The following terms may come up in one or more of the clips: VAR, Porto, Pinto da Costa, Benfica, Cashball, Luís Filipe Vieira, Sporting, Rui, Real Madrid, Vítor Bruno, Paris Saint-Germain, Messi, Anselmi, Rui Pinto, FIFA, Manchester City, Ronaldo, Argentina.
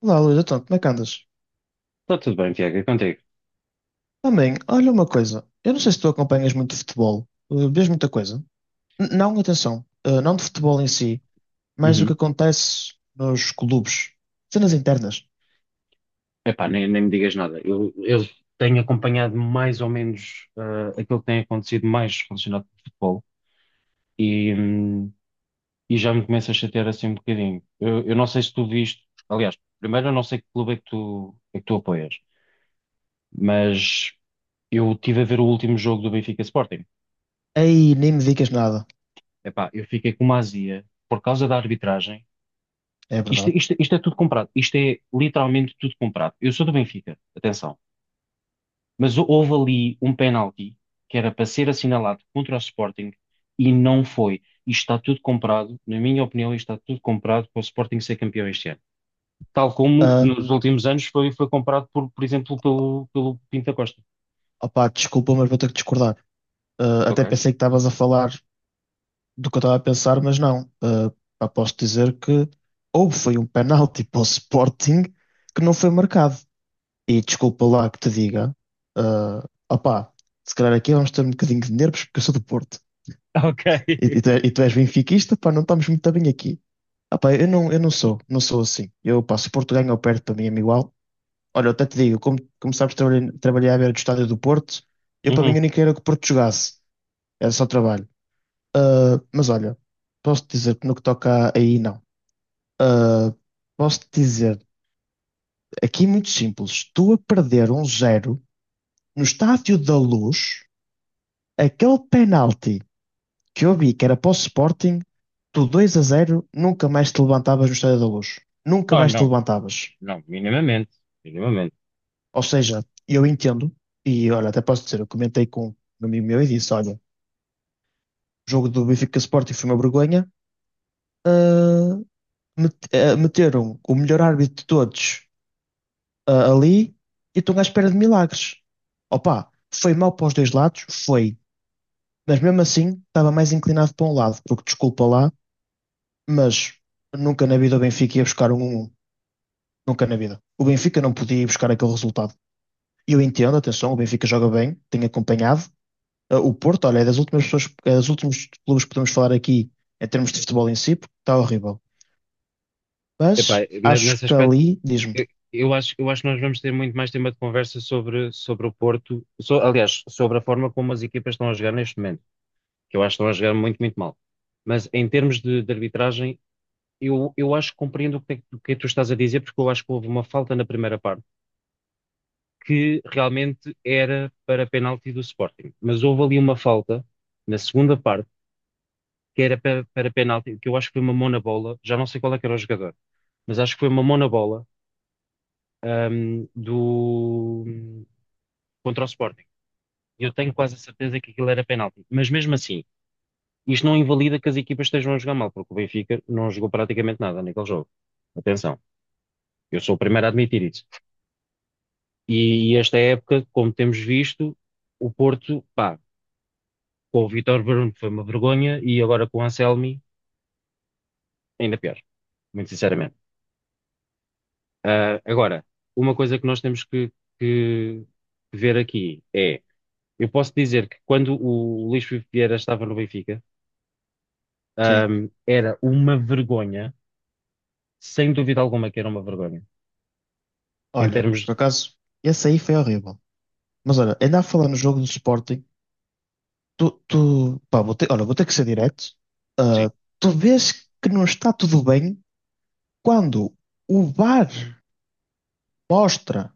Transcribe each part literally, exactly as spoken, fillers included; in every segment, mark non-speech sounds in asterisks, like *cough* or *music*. Olá, Luís, então, como é que andas? Está tudo bem, Tiago, é contigo. Também, olha uma coisa. Eu não sei se tu acompanhas muito futebol. Uh, vês muita coisa? N- não, atenção. Uh, não de futebol em si, mas o que Uhum. acontece nos clubes. Cenas internas. Epá, nem, nem me digas nada. Eu, eu tenho acompanhado mais ou menos ah, aquilo que tem acontecido mais relacionado com o futebol e, hum, e já me começa a chatear assim um bocadinho. Eu, eu não sei se tu viste. Aliás, primeiro eu não sei que clube é que tu, é que tu apoias, mas eu estive a ver o último jogo do Benfica Sporting. Aí nem me digas nada. Epá, eu fiquei com uma azia por causa da arbitragem. É Isto, verdade. isto, isto é tudo comprado. Isto é literalmente tudo comprado. Eu sou do Benfica, atenção. Mas houve ali um penalti que era para ser assinalado contra o Sporting e não foi. Isto está tudo comprado, na minha opinião, isto está tudo comprado para o Sporting ser campeão este ano. Tal como Uh, nos últimos anos foi, foi comprado, por, por exemplo, pelo, pelo Pinto da Costa. opá, desculpa, mas vou ter que discordar. Uh, Ok. Até *laughs* pensei que estavas a falar do que eu estava a pensar, mas não. Uh, pá, posso dizer que ou foi um penalti *laughs* para o Sporting que não foi marcado. E desculpa lá que te diga, ah opá, se calhar aqui vamos ter um bocadinho de nervos porque eu sou do Porto. Ok. E, e tu, é- e tu és benfiquista, pá, não estamos muito bem aqui. Opá, eu não, eu não sou, não sou assim. Eu, pá, se o Porto ganha ou perde, para mim é-me igual. Olha, eu até te digo, como, como sabes, trabalhei, trabalhei à beira do estádio do Porto, eu para mim Uhum. eu nem queria que o Porto jogasse, era só trabalho. Ah, mas olha, posso-te dizer que no que toca a- aí, não. Ah, posso-te dizer, aqui é muito simples, tu a perder um zero no estádio da Luz. Aquele penalti que eu vi que era para o Sporting, tu dois a zero nunca mais te levantavas no Estádio da Luz. Nunca Oh, mais te não, levantavas. não, minimamente, minimamente. Ou seja, eu entendo, e olha, até posso dizer, eu comentei com um amigo meu e disse: olha, o jogo do Benfica Sporting foi uma vergonha. ah, met- ah, Meteram o melhor árbitro de todos, ah, ali e estão à espera de milagres. Opa, foi mal para os dois lados, foi. Mas mesmo assim, estava mais inclinado para um lado, porque desculpa lá, mas nunca na vida o Benfica ia buscar um 1-1. Nunca na vida. O Benfica não podia ir buscar aquele resultado. E eu entendo, atenção, o Benfica joga bem, tem acompanhado. Uh, O Porto, olha, é das últimas pessoas, é dos últimos clubes que podemos falar aqui em termos de futebol em si, porque está horrível. Epá, Mas ne- nesse acho que aspecto, ali, diz-me, eu, eu acho, eu acho que nós vamos ter muito mais tema de conversa sobre, sobre o Porto, so- aliás, sobre a forma como as equipas estão a jogar neste momento, que eu acho que estão a jogar muito, muito mal. Mas em termos de, de arbitragem, eu, eu acho que compreendo o que, é que- o que é que tu estás a dizer, porque eu acho que houve uma falta na primeira parte que realmente era para penalti do Sporting. Mas houve ali uma falta na segunda parte que era para, para penalti, que eu acho que foi uma mão na bola, já não sei qual é que era o jogador, mas acho que foi uma mão na bola ahm, do, contra o Sporting. Eu tenho quase a certeza que aquilo era penalti. Mas mesmo assim, isto não invalida que as equipas estejam a jogar mal, porque o Benfica não jogou praticamente nada naquele jogo. Atenção, eu sou o primeiro a admitir isso. E, e esta época, como temos visto, o Porto, pá, com o Vítor Bruno foi uma vergonha e agora com o Anselmi, ainda pior, muito sinceramente. Ah, agora, uma coisa que nós temos que, que ver aqui é, eu posso dizer que quando o Luís Filipe Vieira estava no Benfica, ah, sim, era uma vergonha, sem dúvida alguma que era uma vergonha, em olha, por termos. acaso, esse aí foi horrível. Mas olha, ainda a falar no jogo do Sporting, tu, tu pá, vou ter, olha, vou ter que ser direto. Sim. Uh, Tu vês que não está tudo bem quando o VAR mostra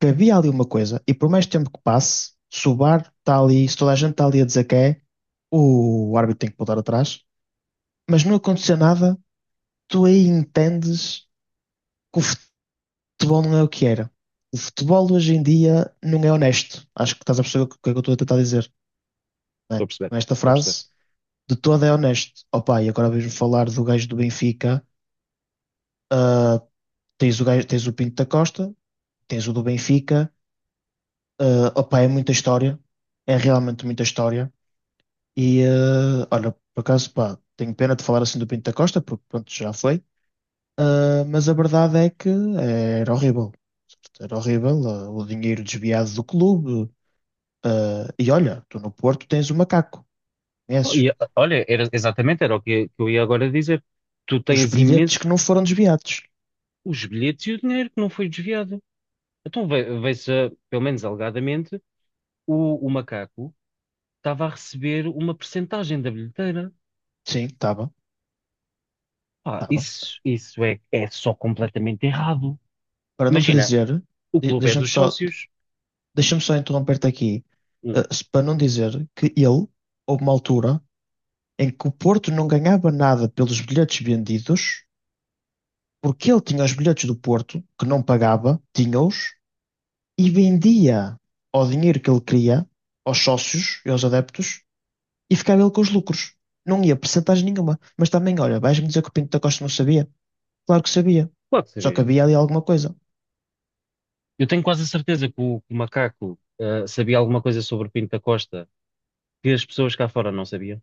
que havia ali uma coisa, e por mais tempo que passe, se o VAR está ali, se toda a gente está ali a dizer que é, o árbitro tem que voltar atrás, mas não aconteceu nada, tu aí entendes que o futebol não é o que era. O futebol hoje em dia não é honesto. Acho que estás a perceber o que é que eu estou a tentar dizer, não Estou é? a perceber, Com esta estou a perceber. frase, de todo é honesto. Opa, e agora vejo falar do gajo do Benfica, ah, tens o gajo, tens o Pinto da Costa, tens o do Benfica, ah, opa, é muita história, é realmente muita história. E eh, olha, por acaso, pá, tenho pena de falar assim do Pinto da Costa, porque pronto, já foi. Ah, mas a verdade é que eh, era horrível. Era horrível, ah, o dinheiro desviado do clube. Ah, e olha, tu no Porto tens o macaco, Bom, conheces? e, olha, era, exatamente era o que, que eu ia agora dizer. Tu Os tens bilhetes que imenso não foram desviados. os bilhetes e o dinheiro que não foi desviado. Então vê- vê-se, ah, pelo menos alegadamente, o, o macaco estava a receber uma percentagem da bilheteira. Sim, estava, Pá, estava. isso, isso é, é só completamente errado. Para não te Imagina, dizer, o de- clube é deixa-me dos só, sócios. deixa-me só interromper-te aqui, Hum, ah, se- para não dizer que ele, houve uma altura em que o Porto não ganhava nada pelos bilhetes vendidos. Porque ele tinha os bilhetes do Porto, que não pagava, tinha-os, e vendia ao dinheiro que ele queria, aos sócios e aos adeptos, e ficava ele com os lucros. Não ia percentagem nenhuma. Mas também, olha, vais-me dizer que o Pinto da Costa não sabia? Claro que sabia. claro que Só que sabia. havia ali alguma coisa. Eu tenho quase a certeza que o, que o macaco, ah, sabia alguma coisa sobre o Pinto da Costa que as pessoas cá fora não sabiam.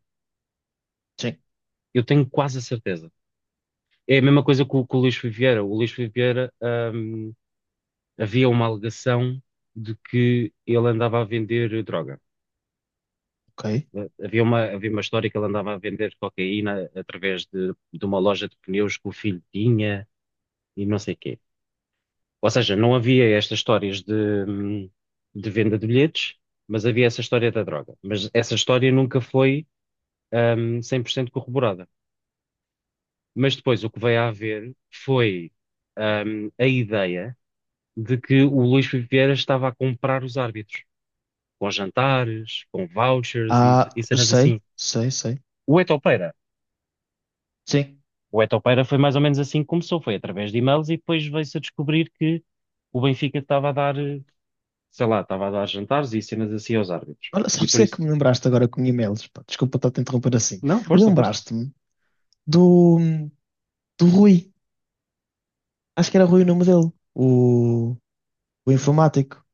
Sim, Eu tenho quase a certeza. É a mesma coisa com, com o Luís Filipe Vieira. O Luís Filipe Vieira, hum, havia uma alegação de que ele andava a vender droga. ok. Havia uma, havia uma história que ele andava a vender cocaína através de, de uma loja de pneus que o filho tinha e não sei quê. Ou seja, não havia estas histórias de, hum, de venda de bilhetes, mas havia essa história da droga. Mas essa história nunca foi, hum, cem por cento corroborada. Mas depois o que veio a haver foi, hum, a ideia de que o Luís Filipe Vieira estava a comprar os árbitros, com jantares, com vouchers e, Ah, e cenas sei, assim. sei, sei. O Etopeira, Sim. o Etopeira foi mais ou menos assim que começou, foi através de e-mails e depois veio-se a descobrir que o Benfica estava a dar, eh, sei lá, estava a dar jantares e cenas assim aos árbitros. Olha, E sabes o por que é isso, que me lembraste agora com e-mails? Pá, desculpa estar-te a interromper assim. não, força, força. Lembraste-me do, do Rui. Acho que era Rui o nome dele. O, o informático.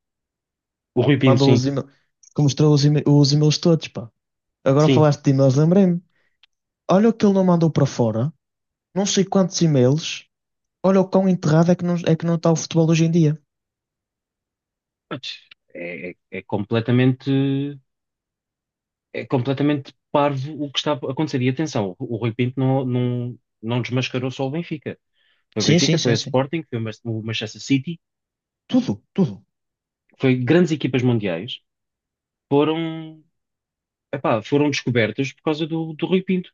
O Rui Pinto, Mandou sim, os e-mails, que mostrou os, e-mail- os e-mails todos, pá. Agora sim. falaste de e-mails, lembrei-me. Olha o que ele não mandou para fora, não sei quantos e-mails, olha o quão enterrado é que não, é que não está o futebol hoje em dia. Mas é, é- é completamente, é completamente parvo o que está a acontecer. E atenção, o Rui Pinto não, não, não desmascarou só o Benfica. Foi o Sim, sim, Benfica, foi o sim, sim. Sporting, foi o Mas- o Manchester City, Tudo, tudo. foi grandes equipas mundiais, foram, epá, foram descobertas por causa do, do Rui Pinto.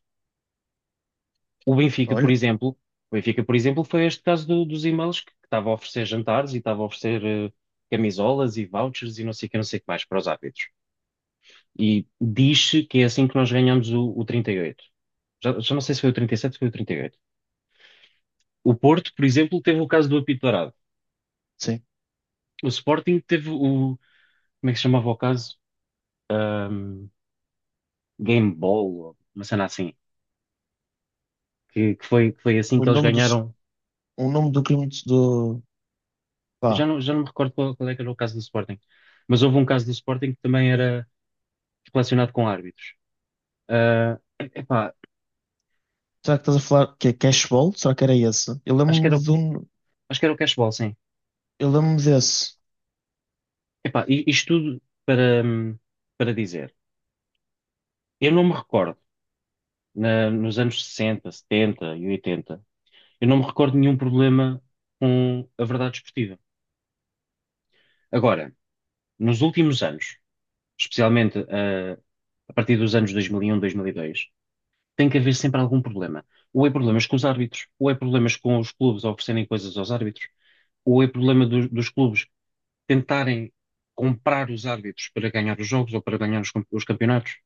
O Benfica, por Olha, exemplo, o Benfica, por exemplo, foi este caso do- dos e-mails que que estava a oferecer jantares e estava a oferecer eh, camisolas e vouchers e não sei o que, não sei o que mais para os árbitros. E diz-se que é assim que nós ganhamos o, o trinta e oito. Já, já não sei se foi o trinta e sete ou foi o trinta e oito. O Porto, por exemplo, teve o caso do apito dourado. sim. O Sporting teve o, como é que se chamava o caso? Game Ball, uma cena assim, que, que foi, que foi assim O que eles nome do, ganharam. o nome do crime do. Eu Já Pá, não, já não me recordo qual, qual é que era o caso do Sporting, mas houve um caso do Sporting que também era relacionado com árbitros. Ah, epá, será que estás a falar que é Cashball? Será que era esse? Eu acho que era, lembro-me o- de um, acho que era o Cashball, sim. eu lembro-me desse. Epá, i- isto tudo para, hum, para dizer, eu não me recordo, na- nos anos sessenta setenta e oitenta eu não me recordo de nenhum problema com a verdade esportiva. Agora, nos últimos anos, especialmente ah, a partir dos anos dois mil e um, dois mil e dois, tem que haver sempre algum problema. Ou é problemas com os árbitros, ou é problemas com os clubes a oferecerem coisas aos árbitros, ou é problema do- dos clubes tentarem comprar os árbitros para ganhar os jogos ou para ganhar os, cam- os campeonatos.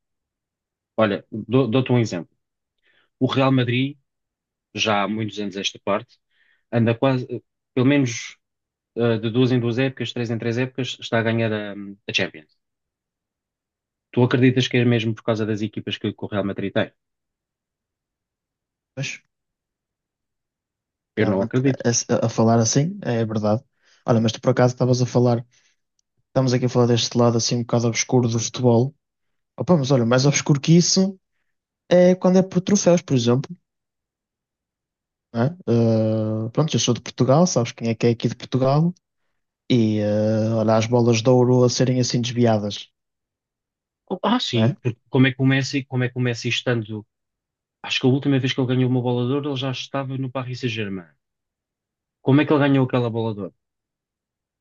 Olha, dou- dou-te um exemplo. O Real Madrid, já há muitos anos a esta parte, anda quase, eh, pelo menos eh, de duas em duas épocas, três em três épocas, está a ganhar a, a Champions. Tu acreditas que é mesmo por causa das equipas que que o Real Madrid tem? Mas Eu não realmente, acredito. a, a- a falar assim, é verdade. Olha, mas tu por acaso estavas a falar, estamos aqui a falar deste lado assim um bocado obscuro do futebol. Opa, mas olha, mais obscuro que isso é quando é por troféus, por exemplo. Não é? Eh, pronto, eu sou de Portugal, sabes quem é que é aqui de Portugal? E eh, olha, as bolas de ouro a serem assim desviadas, Oh, ah, não sim, é? porque como é que o Messi, como é que o Messi estando. Acho que a última vez que ele ganhou uma bola de ouro, ele já estava no Paris Saint-Germain. Como é que ele ganhou aquela bola de ouro?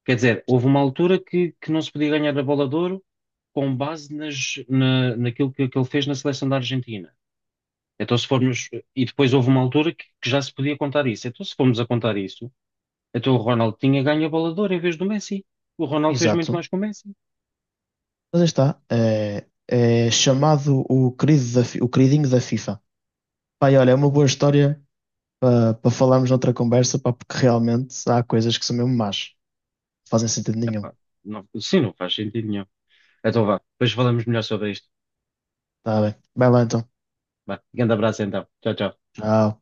Quer dizer, houve uma altura que, que não se podia ganhar a bola de ouro com base nas- na, naquilo que, que ele fez na seleção da Argentina. Então, se formos. E depois houve uma altura que, que já se podia contar isso. Então, se formos a contar isso, então o Ronaldo tinha ganho a bola de ouro em vez do Messi. O Ronaldo fez muito Exato. mais que o Messi. Mas aí está. É, é chamado o querido da, Fi- o queridinho da FIFA. Pai, olha, é uma boa história para para falarmos noutra conversa, pá, porque realmente há coisas que são mesmo más. Não fazem sentido nenhum. Epá, não, sim, não faz sentido nenhum. Então, vá, depois falamos melhor sobre isto. Tá bem. Vai lá então. Vá, grande abraço então. Tchau, tchau. Tchau.